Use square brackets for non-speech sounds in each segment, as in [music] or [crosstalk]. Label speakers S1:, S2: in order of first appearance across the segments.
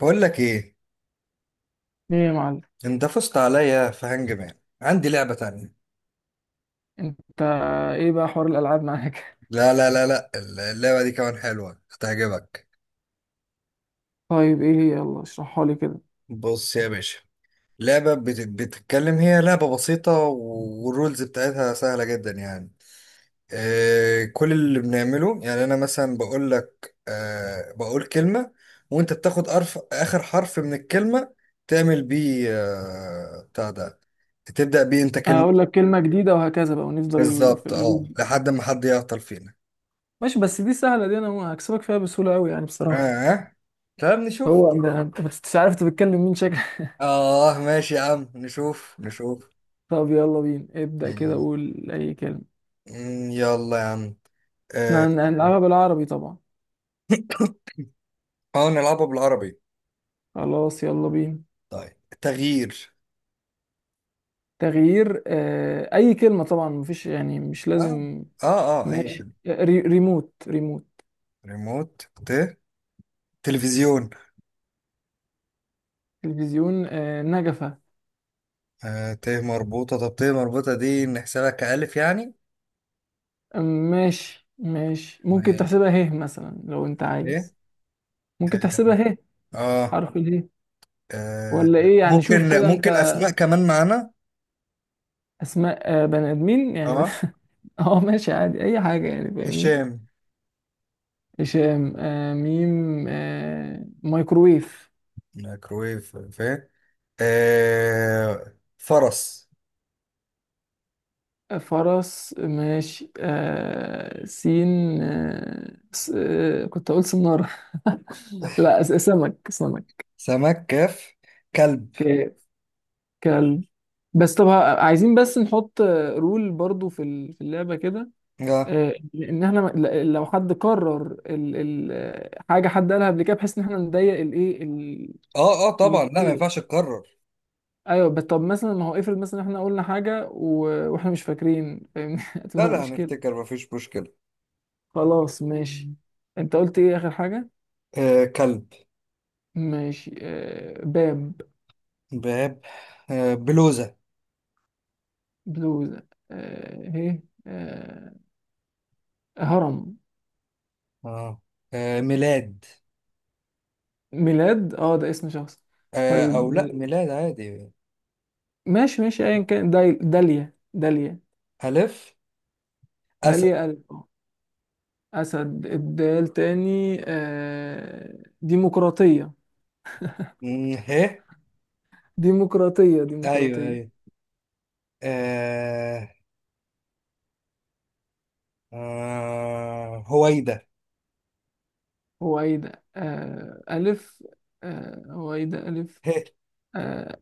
S1: بقول لك ايه.
S2: ايه يا معلم،
S1: انت فزت عليا في هانج مان. عندي لعبة تانية.
S2: انت، ايه بقى حوار الالعاب معاك؟
S1: لا لا لا لا، اللعبة دي كمان حلوة هتعجبك.
S2: [laughs] طيب، ايه هي؟ يلا اشرحها لي كده.
S1: بص يا باشا، لعبة بتتكلم. هي لعبة بسيطة والرولز بتاعتها سهلة جدا يعني. كل اللي بنعمله يعني انا مثلا بقول لك، بقول كلمة، وانت بتاخد اخر حرف من الكلمة، تعمل بيه بتاع ده، تبدأ بيه انت كلمة.
S2: هقول لك كلمه جديده وهكذا بقى، ونفضل في
S1: بالظبط اه،
S2: اللوب دي.
S1: لحد ما حد يعطل فينا.
S2: ماشي، بس دي سهله، دي انا هكسبك فيها بسهوله قوي يعني بصراحه.
S1: اه، طب نشوف.
S2: هو انا أنت مش عارف انت بتتكلم مين، شكل.
S1: اه ماشي يا عم، نشوف نشوف.
S2: [laughs] طب يلا بينا، ابدا كده،
S1: مم.
S2: قول اي كلمه.
S1: يلا يا عم.
S2: احنا
S1: اه،
S2: هنلعبها بالعربي طبعا.
S1: نلعبها بالعربي.
S2: خلاص، يلا بينا.
S1: طيب تغيير.
S2: تغيير. اي كلمه طبعا، مفيش يعني، مش
S1: اه
S2: لازم.
S1: اه اه، اي
S2: ماشي.
S1: كده.
S2: ريموت ريموت.
S1: ريموت، ت، تلفزيون.
S2: تلفزيون. نجفه.
S1: آه ت مربوطة، طب ت مربوطة دي نحسبها كألف يعني.
S2: ماشي، ماشي. ممكن
S1: ماشي.
S2: تحسبها هيه مثلا، لو انت
S1: ايه؟
S2: عايز. ممكن تحسبها هيه.
S1: آه.
S2: حرف الهيه.
S1: اه،
S2: ولا ايه يعني؟ شوف
S1: ممكن
S2: كده انت.
S1: اسماء كمان معانا.
S2: اسماء. بني ادمين يعني
S1: اه،
S2: [laughs] اه، ماشي، عادي اي حاجه يعني، فاهمني.
S1: هشام.
S2: هشام. ميم. مايكرويف.
S1: مايكرويف فين؟ آه. فرس.
S2: فرس. ماشي. سين. آه س... آه كنت اقول سنارة. [laughs] لا، سمك سمك.
S1: سمك. كاف. كلب.
S2: ك... كلب. بس طب، عايزين بس نحط رول برضو في اللعبة كده.
S1: اه
S2: ان احنا لو حد كرر ال حاجه حد قالها قبل كده، بحيث ان احنا نضيق الايه
S1: اه اه طبعا، لا ما
S2: الموضوع.
S1: ينفعش تكرر.
S2: ايوه، بس طب مثلا، ما هو افرض مثلا احنا قلنا حاجه واحنا مش فاكرين، فاهمني، [laughs]
S1: لا
S2: هتبقى
S1: لا،
S2: مشكله.
S1: هنفتكر ما فيش مشكلة.
S2: خلاص، ماشي. انت قلت ايه اخر حاجه؟
S1: آه، كلب.
S2: ماشي. باب.
S1: باب. آه بلوزة.
S2: بلوزه. ايه. هرم.
S1: اه، آه ميلاد.
S2: ميلاد، اه ده اسم شخص.
S1: آه
S2: طيب.
S1: او لا، ميلاد عادي.
S2: ماشي، ماشي، ايا كان. داليا داليا.
S1: ألف. أسد.
S2: داليا، قلب. أسد، الدال تاني. ديمقراطية.
S1: مم، ه.
S2: ديمقراطية
S1: ايوه
S2: ديمقراطية.
S1: ايوه. آه آه هويدا.
S2: هويدا. ألف. هويدا، ألف.
S1: ه.
S2: آه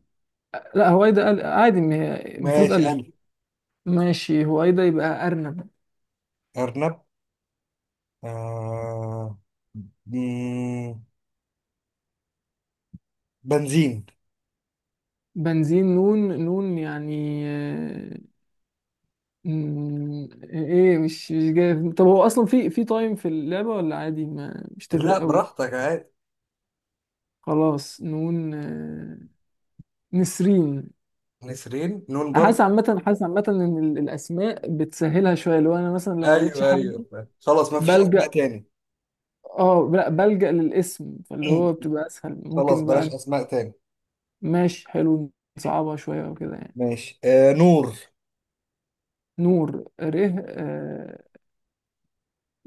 S2: لا، هويدا عادي، ما هي المفروض
S1: ماشي
S2: ألف.
S1: ألف.
S2: ماشي، هويدا يبقى أرنب.
S1: أرنب. آه. مم، بنزين.
S2: بنزين، نون. نون يعني. ايه، مش جاي. طب هو اصلا في تايم في اللعبة، ولا عادي؟ ما مش
S1: لا
S2: تفرق قوي.
S1: براحتك عادي.
S2: خلاص، نون. نسرين.
S1: نسرين نون
S2: انا
S1: برضه.
S2: حاسس عامه ان الاسماء بتسهلها شويه، لو انا مثلا، لو ما لقيتش
S1: ايوه
S2: حاجه،
S1: ايوه، خلاص ما فيش اسماء
S2: بلجأ.
S1: تاني.
S2: اه لا، بلجأ للاسم، فاللي هو بتبقى اسهل
S1: [clears throat] خلاص
S2: ممكن
S1: بلاش
S2: بقى.
S1: اسماء تاني.
S2: ماشي، حلو، نصعبها شويه وكده يعني.
S1: ماشي. آه نور.
S2: نور، ره. آه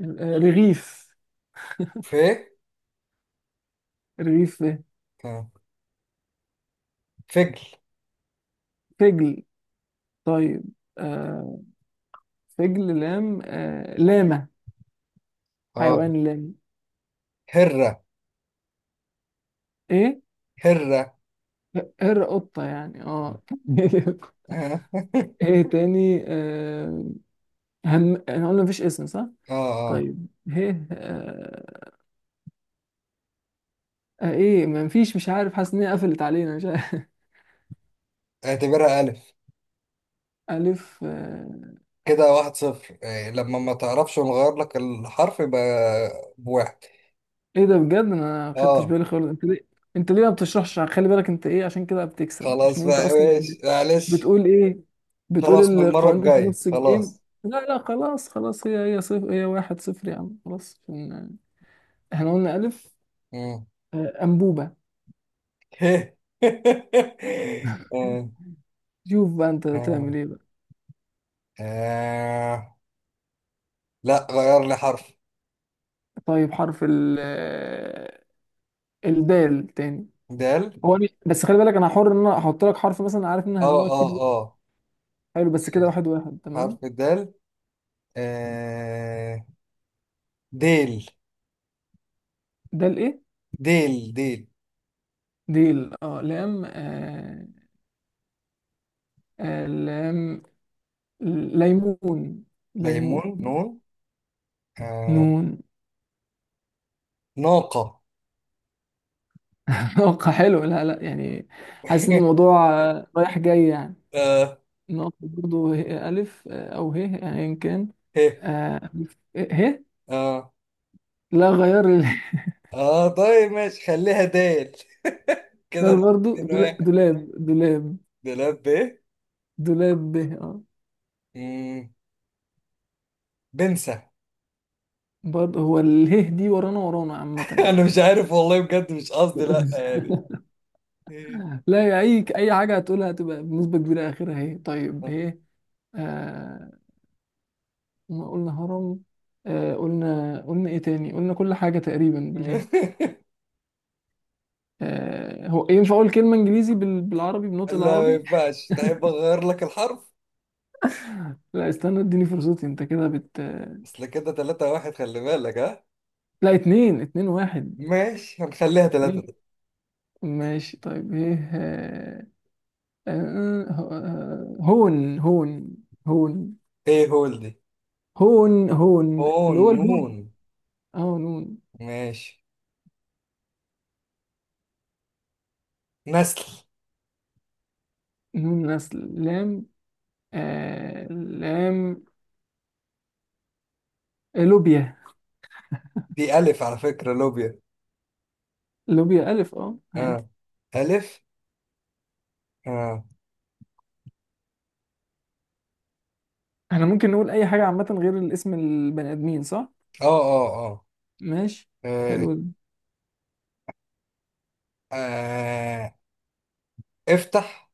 S2: رغيف.
S1: ف.
S2: رغيف، ايه.
S1: آه. فجل.
S2: فجل. طيب. آه فجل، لام. لامه.
S1: اه.
S2: حيوان، لام.
S1: هرة.
S2: ايه.
S1: هرة.
S2: هر، قطه يعني، اه. [laughs]
S1: اه. [laughs]
S2: ايه تاني؟ آه هم انا قلنا مفيش اسم صح؟
S1: اه. آه.
S2: طيب، هيه. ايه، ما فيش، مش عارف، حاسس ان هي قفلت علينا، مش عارف.
S1: اعتبرها ألف.
S2: [laughs] الف.
S1: كده واحد صفر. آه لما ما تعرفش ونغير لك الحرف يبقى بواحد.
S2: ايه ده، بجد انا ما خدتش
S1: اه.
S2: بالي خالص. انت ليه؟ انت ليه ما بتشرحش؟ خلي بالك انت، ايه؟ عشان كده بتكسب، عشان
S1: خلاص
S2: انت
S1: بقى
S2: اصلا
S1: ماشي معلش.
S2: بتقول ايه؟
S1: خلاص من
S2: بتقول
S1: المرة
S2: القوانين في
S1: الجاية،
S2: نص الجيم.
S1: خلاص.
S2: لا لا، خلاص خلاص، هي صفر، هي 1-0 يا عم، خلاص احنا قلنا الف.
S1: مم.
S2: انبوبة.
S1: [laughs] آه.
S2: [laughs] شوف بقى انت تعمل
S1: آه.
S2: ايه بقى.
S1: آه. لا غير لي حرف.
S2: طيب، حرف ال. الدال تاني.
S1: دال.
S2: هو بس خلي بالك، انا حر ان انا احط لك حرف مثلا، عارف ان انا
S1: اه
S2: هزنقك فيه
S1: اه
S2: دلوقتي.
S1: اه.
S2: حلو، بس كده 1-1، تمام.
S1: حرف الدال. آه ديل
S2: ده الايه؟
S1: ديل ديل.
S2: دي اه، لام. لام، ليمون. ليمون،
S1: ليمون نون. آه
S2: نون.
S1: ناقة.
S2: [laughs] نقطة، حلو، لا لا يعني. حاسس ان
S1: [laughs]
S2: الموضوع رايح جاي يعني.
S1: آه
S2: نقطة برضه، ألف. أو ه يعني، إن كان.
S1: ه.
S2: آه، ه.
S1: آه.
S2: لا، غير
S1: آه طيب ماشي، خليها ديل. [laughs]
S2: [laughs] ده
S1: كده
S2: برضه،
S1: اتنين واحد.
S2: دولاب. دولاب.
S1: دولاب. ب.
S2: دولاب، ب، اه.
S1: مم، بنسى. [laughs]
S2: برضه هو اله دي ورانا ورانا، عامة
S1: أنا
S2: يعني.
S1: مش عارف والله، بجد مش قصدي، لأ
S2: [laughs]
S1: يعني. [laughs]
S2: لا يا، اي حاجه هتقولها هتبقى بنسبه كبيره اخرها هي. طيب، هي. آه ما قلنا هرم. قلنا ايه تاني؟ قلنا كل حاجه تقريبا بالهي. هو ينفع اقول كلمه انجليزي بالعربي، بنطق
S1: لا ما
S2: العربي؟
S1: ينفعش. تحب أغير لك الحرف؟
S2: [laughs] لا، استنى، اديني فرصتي. انت كده
S1: أصل كده تلاتة واحد، خلي بالك ها.
S2: لا، اتنين، 2-1.
S1: ماشي، هنخليها ثلاثة
S2: اتنين.
S1: دي.
S2: ماشي. طيب، ايه؟ آه آه، هون هون. هون
S1: ايه هول دي؟
S2: هون. هون،
S1: اون
S2: اللي هو الهون.
S1: نون.
S2: اه، نون.
S1: ماشي. نسل.
S2: نون، نسل. لام. لام، لوبيا.
S1: دي ألف على فكرة لوبيا.
S2: لوبيا، ألف، اه عادي.
S1: اه ألف. اه.
S2: احنا ممكن نقول أي حاجة عامة غير الاسم البني آدمين، صح؟
S1: اه اه. اه.
S2: ماشي.
S1: آه،
S2: حلو ده.
S1: آه، افتح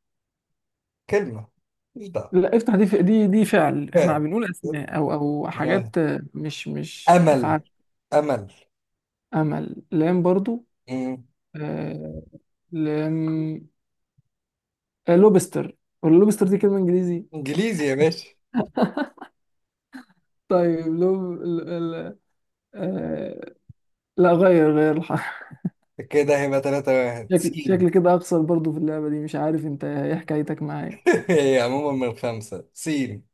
S1: كلمة. مش ده.
S2: لا، افتح، دي فعل. احنا
S1: فعلا.
S2: بنقول أسماء، أو
S1: آه.
S2: حاجات، مش
S1: أمل.
S2: أفعال.
S1: أمل.
S2: أمل، لام برضو.
S1: مم.
S2: آه لام. لوبستر. واللوبستر دي كلمة إنجليزي.
S1: إنجليزي يا باشا.
S2: [laughs] طيب، لو آه... لا، غير الحرف.
S1: كده هيبقى ثلاثة واحد.
S2: شكل
S1: سين.
S2: شكل كده اخسر برضو في اللعبة دي، مش عارف انت ايه حكايتك معايا.
S1: [laughs] هي عموما من خمسة. سين.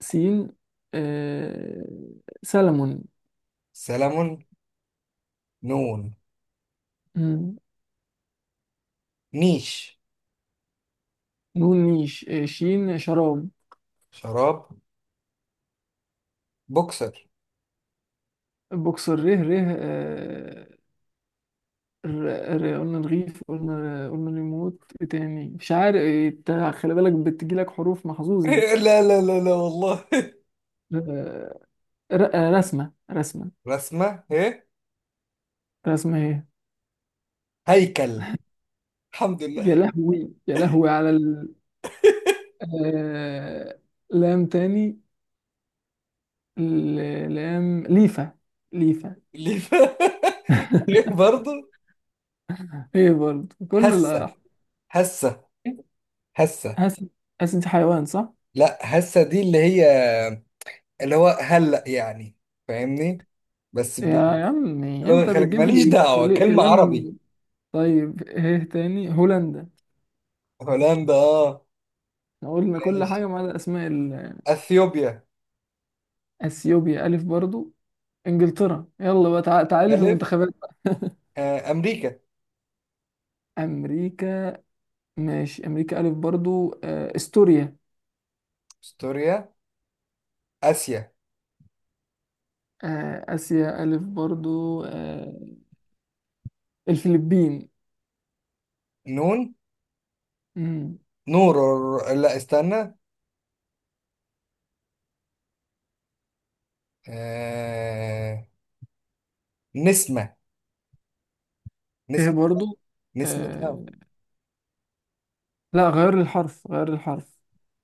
S2: سين. آه، سلمون.
S1: سلمون. نون.
S2: مم.
S1: نيش.
S2: نون، نيش. شين، شراب.
S1: شراب. بوكسر.
S2: بوكسر، ره. قلنا رغيف، قلنا ريموت، إيه تاني؟ مش عارف إيه، إنت خلي بالك بتجيلك حروف، محظوظ انت.
S1: [laughs] لا لا لا لا والله.
S2: آه، رسمة.
S1: رسمة ايه؟
S2: رسمة، ايه.
S1: هيكل. الحمد لله.
S2: يا لهوي، يا لهوي على آه، لام تاني. لام، ليفا. ليفا.
S1: اللي ف... [laughs] ايه
S2: [laughs]
S1: برضه.
S2: ايه برضه، كل
S1: هسة.
S2: الأحرف.
S1: هسة. هسة.
S2: حاسس حاسس انت حيوان، صح؟
S1: لا، هسة دي اللي هي، اللي هو هلأ يعني، فاهمني؟ بس
S2: يا
S1: بلغة
S2: عمي، انت
S1: الخليج،
S2: بتجيب
S1: ماليش
S2: لي
S1: دعوة، كلمة عربي.
S2: كلام. طيب، ايه تاني؟ هولندا.
S1: هولندا اه.
S2: احنا قلنا كل
S1: ماشي.
S2: حاجة ما عدا اسماء
S1: اثيوبيا.
S2: اثيوبيا، الف برضو. انجلترا. يلا بقى، تعالي في
S1: الف.
S2: المنتخبات.
S1: آه. امريكا.
S2: امريكا. ماشي، امريكا الف برضو. استوريا.
S1: استوريا. اسيا.
S2: اسيا، الف برضو. الفلبين.
S1: نون.
S2: مم.
S1: نور. لا استنى. آه. نسمة.
S2: ايه
S1: نسمة.
S2: برضو.
S1: نسمتها.
S2: آه، لا، غير الحرف، غير الحرف.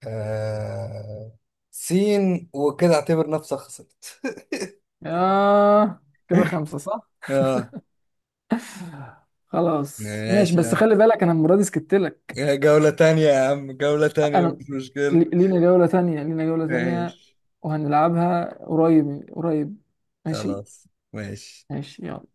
S1: آه... سين. وكده اعتبر نفسك خسرت.
S2: آه كده
S1: [laughs]
S2: خمسة صح؟
S1: اه
S2: [laughs] خلاص، ماشي،
S1: ماشي يا
S2: بس
S1: عم.
S2: خلي بالك، انا المره دي سكت لك.
S1: آه، جولة تانية يا عم، جولة تانية
S2: انا
S1: مش مشكلة.
S2: لينا جوله ثانيه، لينا جوله ثانيه.
S1: ماشي.
S2: وهنلعبها قريب قريب. ماشي.
S1: خلاص. ماشي.
S2: ماشي، يلا.